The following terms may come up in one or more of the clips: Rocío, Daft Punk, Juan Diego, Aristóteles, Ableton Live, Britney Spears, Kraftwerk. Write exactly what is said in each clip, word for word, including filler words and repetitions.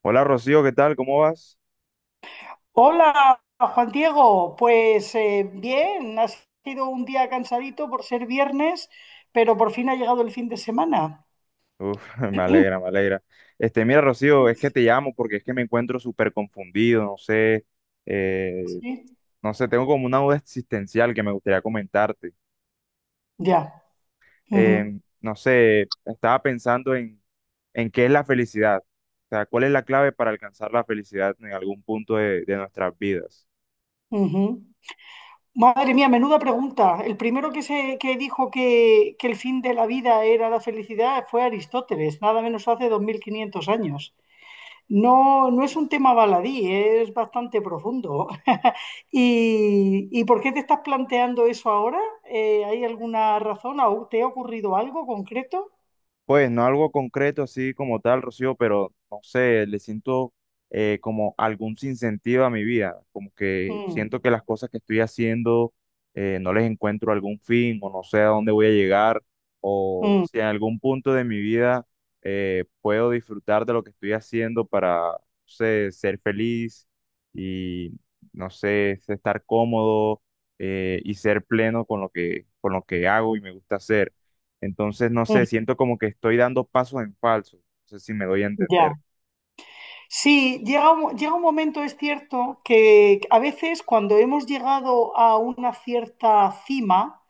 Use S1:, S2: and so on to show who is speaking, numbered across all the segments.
S1: Hola Rocío, ¿qué tal? ¿Cómo vas?
S2: Hola, Juan Diego. Pues eh, bien, ha sido un día cansadito por ser viernes, pero por fin ha llegado el fin de semana.
S1: Uf, me alegra, me alegra. Este, mira Rocío, es que te llamo porque es que me encuentro súper confundido, no sé, eh,
S2: Sí,
S1: no sé, tengo como una duda existencial que me gustaría comentarte.
S2: ya. Ujú,
S1: Eh, no sé, estaba pensando en, en qué es la felicidad, o sea, cuál es la clave para alcanzar la felicidad en algún punto de, de nuestras vidas.
S2: ujú. Madre mía, menuda pregunta. El primero que, se, que dijo que, que el fin de la vida era la felicidad fue Aristóteles, nada menos hace dos mil quinientos años. No, no es un tema baladí, es bastante profundo. ¿Y, y por qué te estás planteando eso ahora? Eh, ¿hay alguna razón? ¿Au- ¿Te ha ocurrido algo concreto?
S1: Pues no algo concreto así como tal, Rocío, pero no sé, le siento eh, como algún sinsentido a mi vida, como que
S2: Mm,
S1: siento que las cosas que estoy haciendo eh, no les encuentro algún fin o no sé a dónde voy a llegar o
S2: mm,
S1: si en algún punto de mi vida eh, puedo disfrutar de lo que estoy haciendo para, no sé, ser feliz y, no sé, estar cómodo eh, y ser pleno con lo que, con lo que hago y me gusta hacer. Entonces, no
S2: mm,
S1: sé, siento como que estoy dando pasos en falso. No sé si me doy a entender.
S2: ya. Sí, llega un, llega un momento, es cierto, que a veces cuando hemos llegado a una cierta cima,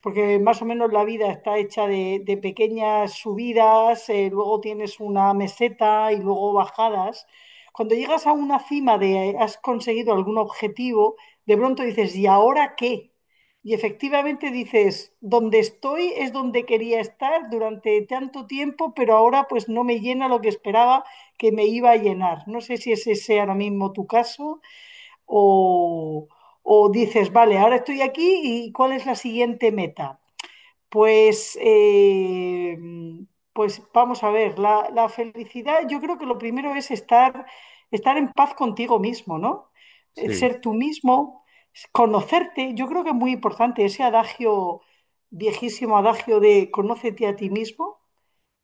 S2: porque más o menos la vida está hecha de, de pequeñas subidas, eh, luego tienes una meseta y luego bajadas. Cuando llegas a una cima de eh, has conseguido algún objetivo, de pronto dices, ¿y ahora qué? Y efectivamente dices, donde estoy es donde quería estar durante tanto tiempo, pero ahora pues no me llena lo que esperaba que me iba a llenar. No sé si ese sea ahora mismo tu caso o, o dices, vale, ahora estoy aquí y ¿cuál es la siguiente meta? Pues, eh, pues vamos a ver, la, la felicidad, yo creo que lo primero es estar, estar en paz contigo mismo, ¿no? Eh,
S1: Sí,
S2: Ser tú mismo, conocerte, yo creo que es muy importante ese adagio, viejísimo adagio de conócete a ti mismo.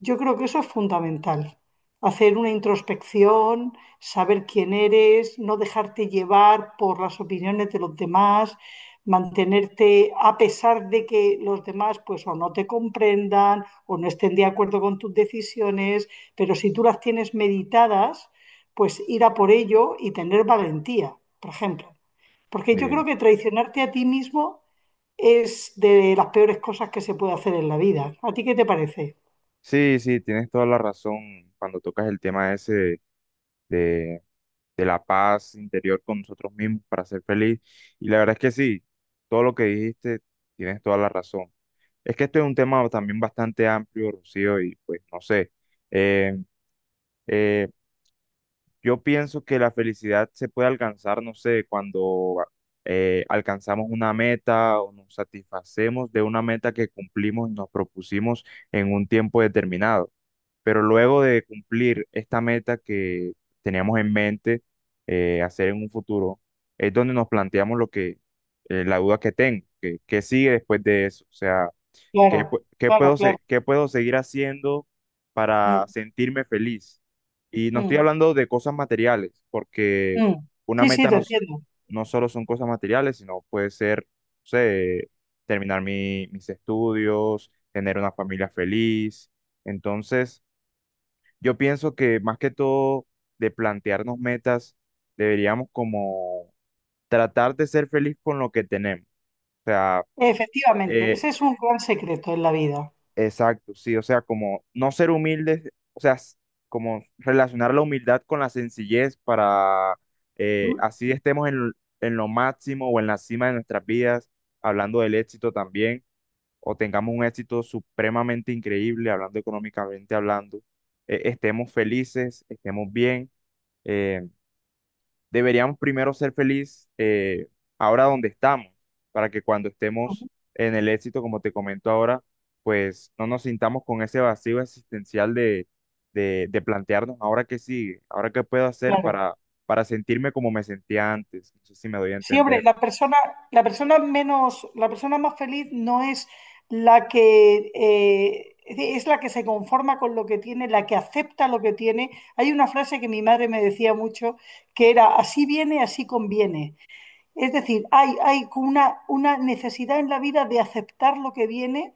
S2: Yo creo que eso es fundamental. Hacer una introspección, saber quién eres, no dejarte llevar por las opiniones de los demás, mantenerte a pesar de que los demás pues o no te comprendan o no estén de acuerdo con tus decisiones, pero si tú las tienes meditadas, pues ir a por ello y tener valentía, por ejemplo. Porque yo
S1: sí,
S2: creo que traicionarte a ti mismo es de las peores cosas que se puede hacer en la vida. ¿A ti qué te parece?
S1: sí, sí, tienes toda la razón cuando tocas el tema ese de, de- de la paz interior con nosotros mismos para ser feliz. Y la verdad es que sí, todo lo que dijiste, tienes toda la razón. Es que esto es un tema también bastante amplio, Rocío, y pues no sé. eh, eh, Yo pienso que la felicidad se puede alcanzar, no sé, cuando eh, alcanzamos una meta o nos satisfacemos de una meta que cumplimos y nos propusimos en un tiempo determinado. Pero luego de cumplir esta meta que teníamos en mente eh, hacer en un futuro, es donde nos planteamos lo que, eh, la duda que tengo, que, qué sigue después de eso. O sea, ¿qué,
S2: Claro,
S1: pu- qué
S2: claro,
S1: puedo,
S2: claro.
S1: se- qué puedo seguir haciendo para
S2: Mm,
S1: sentirme feliz? Y no estoy
S2: mm,
S1: hablando de cosas materiales, porque
S2: mm.
S1: una
S2: Sí, sí,
S1: meta
S2: te
S1: no, s-
S2: entiendo.
S1: no solo son cosas materiales, sino puede ser, no sé, terminar mi- mis estudios, tener una familia feliz. Entonces, yo pienso que más que todo de plantearnos metas, deberíamos como tratar de ser feliz con lo que tenemos. O sea,
S2: Efectivamente,
S1: eh,
S2: ese es un gran secreto en la vida.
S1: exacto, sí, o sea, como no ser humildes, o sea, s- como relacionar la humildad con la sencillez para eh,
S2: Mm,
S1: así estemos en, l- en lo máximo o en la cima de nuestras vidas, hablando del éxito también, o tengamos un éxito supremamente increíble, hablando económicamente hablando, eh, estemos felices, estemos bien, eh, deberíamos primero ser feliz eh, ahora donde estamos, para que cuando
S2: ujú,
S1: estemos en el éxito, como te comento ahora, pues no nos sintamos con ese vacío existencial de, de, de plantearnos ahora qué sigue, ahora qué puedo hacer
S2: claro.
S1: para, para sentirme como me sentía antes. No sé si me doy a
S2: Siempre
S1: entender.
S2: la persona, la persona menos, la persona más feliz no es la que eh, es la que se conforma con lo que tiene, la que acepta lo que tiene. Hay una frase que mi madre me decía mucho que era así viene, así conviene. Es decir, hay, hay una, una necesidad en la vida de aceptar lo que viene,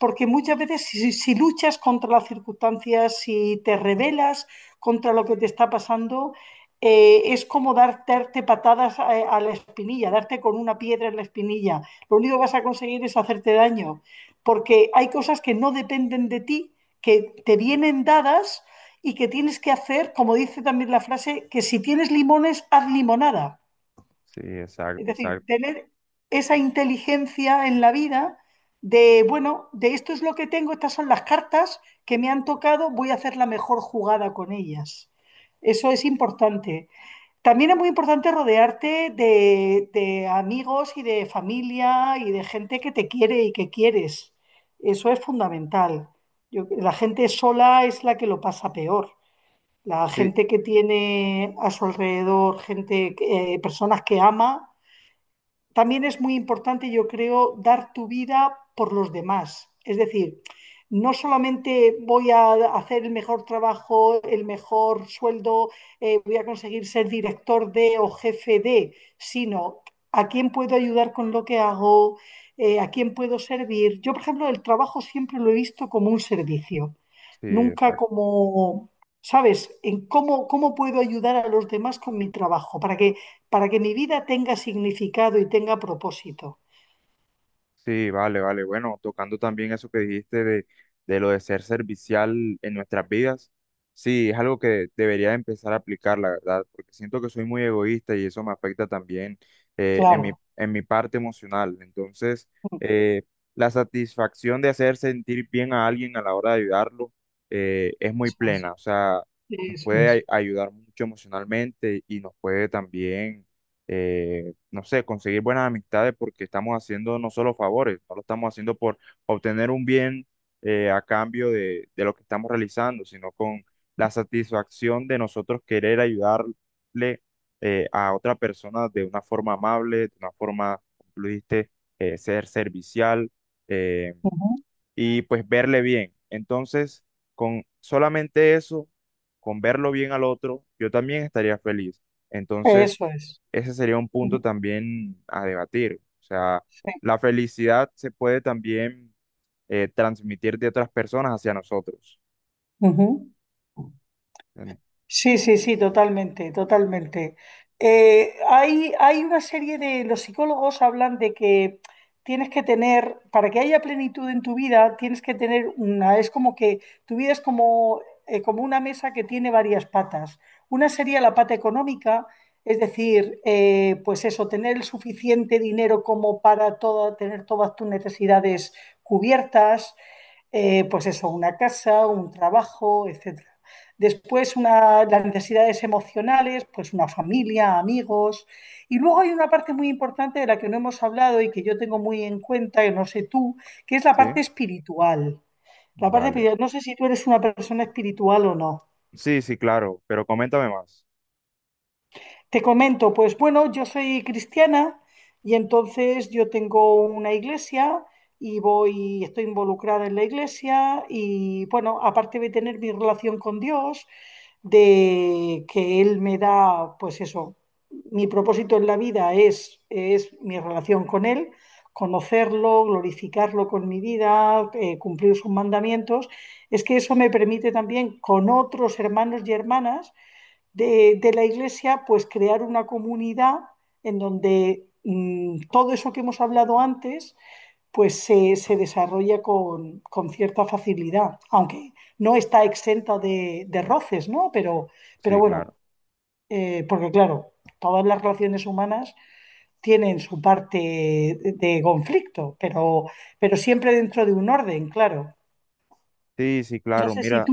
S2: porque muchas veces si, si si luchas contra las circunstancias, si te rebelas contra lo que te está pasando, eh, es como darte, darte patadas a, a, la espinilla, darte con una piedra en la espinilla. Lo único que vas a conseguir es hacerte daño, porque hay cosas que no dependen de ti, que te vienen dadas y que tienes que hacer, como dice también la frase, que si tienes limones, haz limonada.
S1: Sí,
S2: Es
S1: exacto,
S2: decir,
S1: exacto.
S2: tener esa inteligencia en la vida de, bueno, de esto es lo que tengo, estas son las cartas que me han tocado, voy a hacer la mejor jugada con ellas. Eso es importante. También es muy importante rodearte de, de amigos y de familia y de gente que te quiere y que quieres. Eso es fundamental. Yo- la gente sola es la que lo pasa peor. La
S1: Sí,
S2: gente que tiene a su alrededor gente, que- eh, personas que ama también es muy importante, yo creo, dar tu vida por los demás. Es decir, no solamente voy a hacer el mejor trabajo, el mejor sueldo, eh, voy a conseguir ser director de o jefe de, sino a quién puedo ayudar con lo que hago, eh, a quién puedo servir. Yo, por ejemplo, el trabajo siempre lo he visto como un servicio,
S1: sí,
S2: nunca
S1: exacto.
S2: como, ¿sabes?, en cómo, cómo puedo ayudar a los demás con mi trabajo, para que para que mi vida tenga significado y tenga propósito.
S1: Sí, vale, vale. Bueno, tocando también eso que dijiste de, de lo de ser servicial en nuestras vidas, sí, es algo que debería empezar a aplicar, la verdad, porque siento que soy muy egoísta y eso me afecta también eh, en mi,
S2: Claro,
S1: en mi parte emocional. Entonces, eh, la satisfacción de hacer sentir bien a alguien a la hora de ayudarlo eh, es muy
S2: eso es.
S1: plena, o sea, nos
S2: Eso
S1: puede ay-
S2: es.
S1: ayudar mucho emocionalmente y nos puede también... eh, no sé, conseguir buenas amistades porque estamos haciendo no solo favores, no lo estamos haciendo por obtener un bien eh, a cambio de, de lo que estamos realizando, sino con la satisfacción de nosotros querer ayudarle eh, a otra persona de una forma amable, de una forma, como tú dijiste, eh, ser servicial. eh,
S2: Ujú,
S1: y pues verle bien. Entonces, con solamente eso, con verlo bien al otro, yo también estaría feliz. Entonces,
S2: eso es.
S1: ese sería un punto
S2: Ujú,
S1: también a debatir. O sea,
S2: sí.
S1: la felicidad se puede también eh, transmitir de otras personas hacia nosotros.
S2: Ujú.
S1: En-
S2: Sí, sí, sí, totalmente, totalmente. Eh, hay, hay una serie de, los psicólogos hablan de que tienes que tener, para que haya plenitud en tu vida, tienes que tener una, es como que tu vida es como, eh, como una mesa que tiene varias patas. Una sería la pata económica, es decir, eh, pues eso, tener el suficiente dinero como para toda, tener todas tus necesidades cubiertas, eh, pues eso, una casa, un trabajo, etcétera. Después una, las necesidades emocionales, pues una familia, amigos. Y luego hay una parte muy importante de la que no hemos hablado y que yo tengo muy en cuenta, que no sé tú, que es la parte
S1: ¿Sí?
S2: espiritual. La parte
S1: Vale.
S2: espiritual. No sé si tú eres una persona espiritual o no.
S1: Sí, sí, claro, pero coméntame más.
S2: Te comento, pues bueno, yo soy cristiana y entonces yo tengo una iglesia y voy, estoy involucrada en la iglesia y bueno, aparte de tener mi relación con Dios, de que él me da, pues eso, mi propósito en la vida es, es mi relación con él, conocerlo, glorificarlo con mi vida, eh, cumplir sus mandamientos, es que eso me permite también con otros hermanos y hermanas de, de la iglesia, pues crear una comunidad en donde mm, todo eso que hemos hablado antes pues se, se desarrolla con, con cierta facilidad, aunque no está exenta de, de roces, ¿no? Pero, pero
S1: Sí,
S2: bueno,
S1: claro.
S2: eh, porque claro, todas las relaciones humanas tienen su parte de, de conflicto, pero, pero siempre dentro de un orden, claro.
S1: Sí, sí,
S2: No
S1: claro.
S2: sé si
S1: Mira.
S2: tú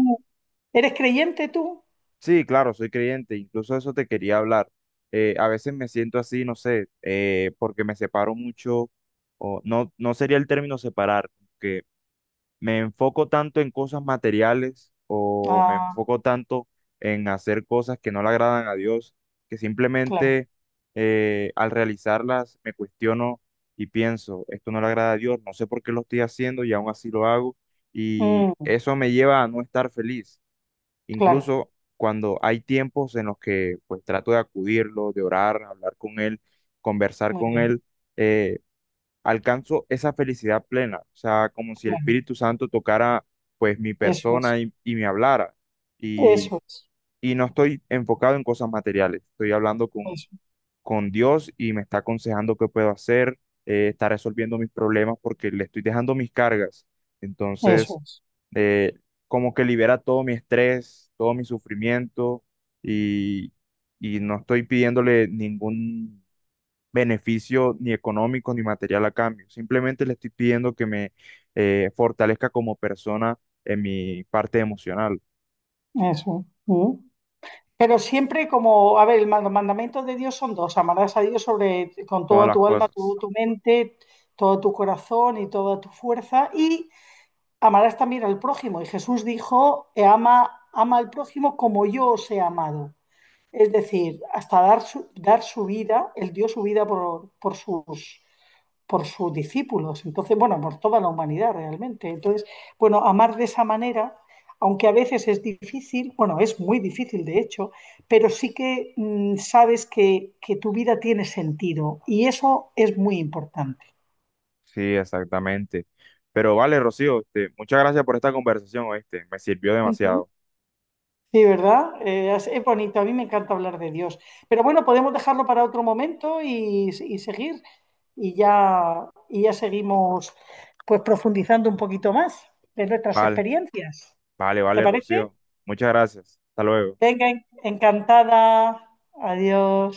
S2: eres creyente tú.
S1: Sí, claro, soy creyente, incluso eso te quería hablar. Eh, a veces me siento así, no sé, eh, porque me separo mucho, o no, no sería el término separar, que me enfoco tanto en cosas materiales o me
S2: Ah,
S1: enfoco tanto en hacer cosas que no le agradan a Dios, que
S2: claro,
S1: simplemente eh, al realizarlas me cuestiono y pienso, esto no le agrada a Dios, no sé por qué lo estoy haciendo y aún así lo hago, y
S2: mm,
S1: eso me lleva a no estar feliz.
S2: claro,
S1: Incluso cuando hay tiempos en los que pues trato de acudirlo, de orar, hablar con él, conversar
S2: muy
S1: con
S2: bien,
S1: él, eh, alcanzo esa felicidad plena, o sea, como si el
S2: claro.
S1: Espíritu Santo tocara pues mi
S2: Eso es,
S1: persona y, y me hablara. Y,
S2: eso es,
S1: y no estoy enfocado en cosas materiales, estoy hablando con
S2: eso,
S1: con Dios y me está aconsejando qué puedo hacer, eh, está resolviendo mis problemas porque le estoy dejando mis cargas. Entonces,
S2: eso es,
S1: eh, como que libera todo mi estrés, todo mi sufrimiento y, y no estoy pidiéndole ningún beneficio ni económico ni material a cambio. Simplemente le estoy pidiendo que me eh, fortalezca como persona en mi parte emocional,
S2: eso. Mm. Pero siempre como, a ver, el- los mandamientos de Dios son dos, amarás a Dios sobre, con
S1: todas
S2: toda
S1: las
S2: tu alma, tu,
S1: cosas.
S2: tu mente, todo tu corazón y toda tu fuerza, y amarás también al prójimo. Y Jesús dijo, "E ama, ama al prójimo como yo os he amado. Es decir, hasta dar su, dar su vida, Él dio su vida por, por sus por sus discípulos, entonces, bueno, por toda la humanidad realmente. Entonces, bueno, amar de esa manera, aunque a veces es difícil, bueno, es muy difícil de hecho, pero sí que mm, sabes que, que, tu vida tiene sentido y eso es muy importante.
S1: Sí, exactamente. Pero vale, Rocío, este, muchas gracias por esta conversación, ¿oíste? Me sirvió
S2: Ujú.
S1: demasiado.
S2: Sí, ¿verdad? Eh, es, es bonito, a mí me encanta hablar de Dios. Pero bueno, podemos dejarlo para otro momento y, y seguir y ya, y ya seguimos pues profundizando un poquito más de nuestras
S1: Vale,
S2: experiencias.
S1: vale,
S2: ¿Te
S1: vale,
S2: parece?
S1: Rocío. Muchas gracias. Hasta luego.
S2: Venga, encantada. Adiós.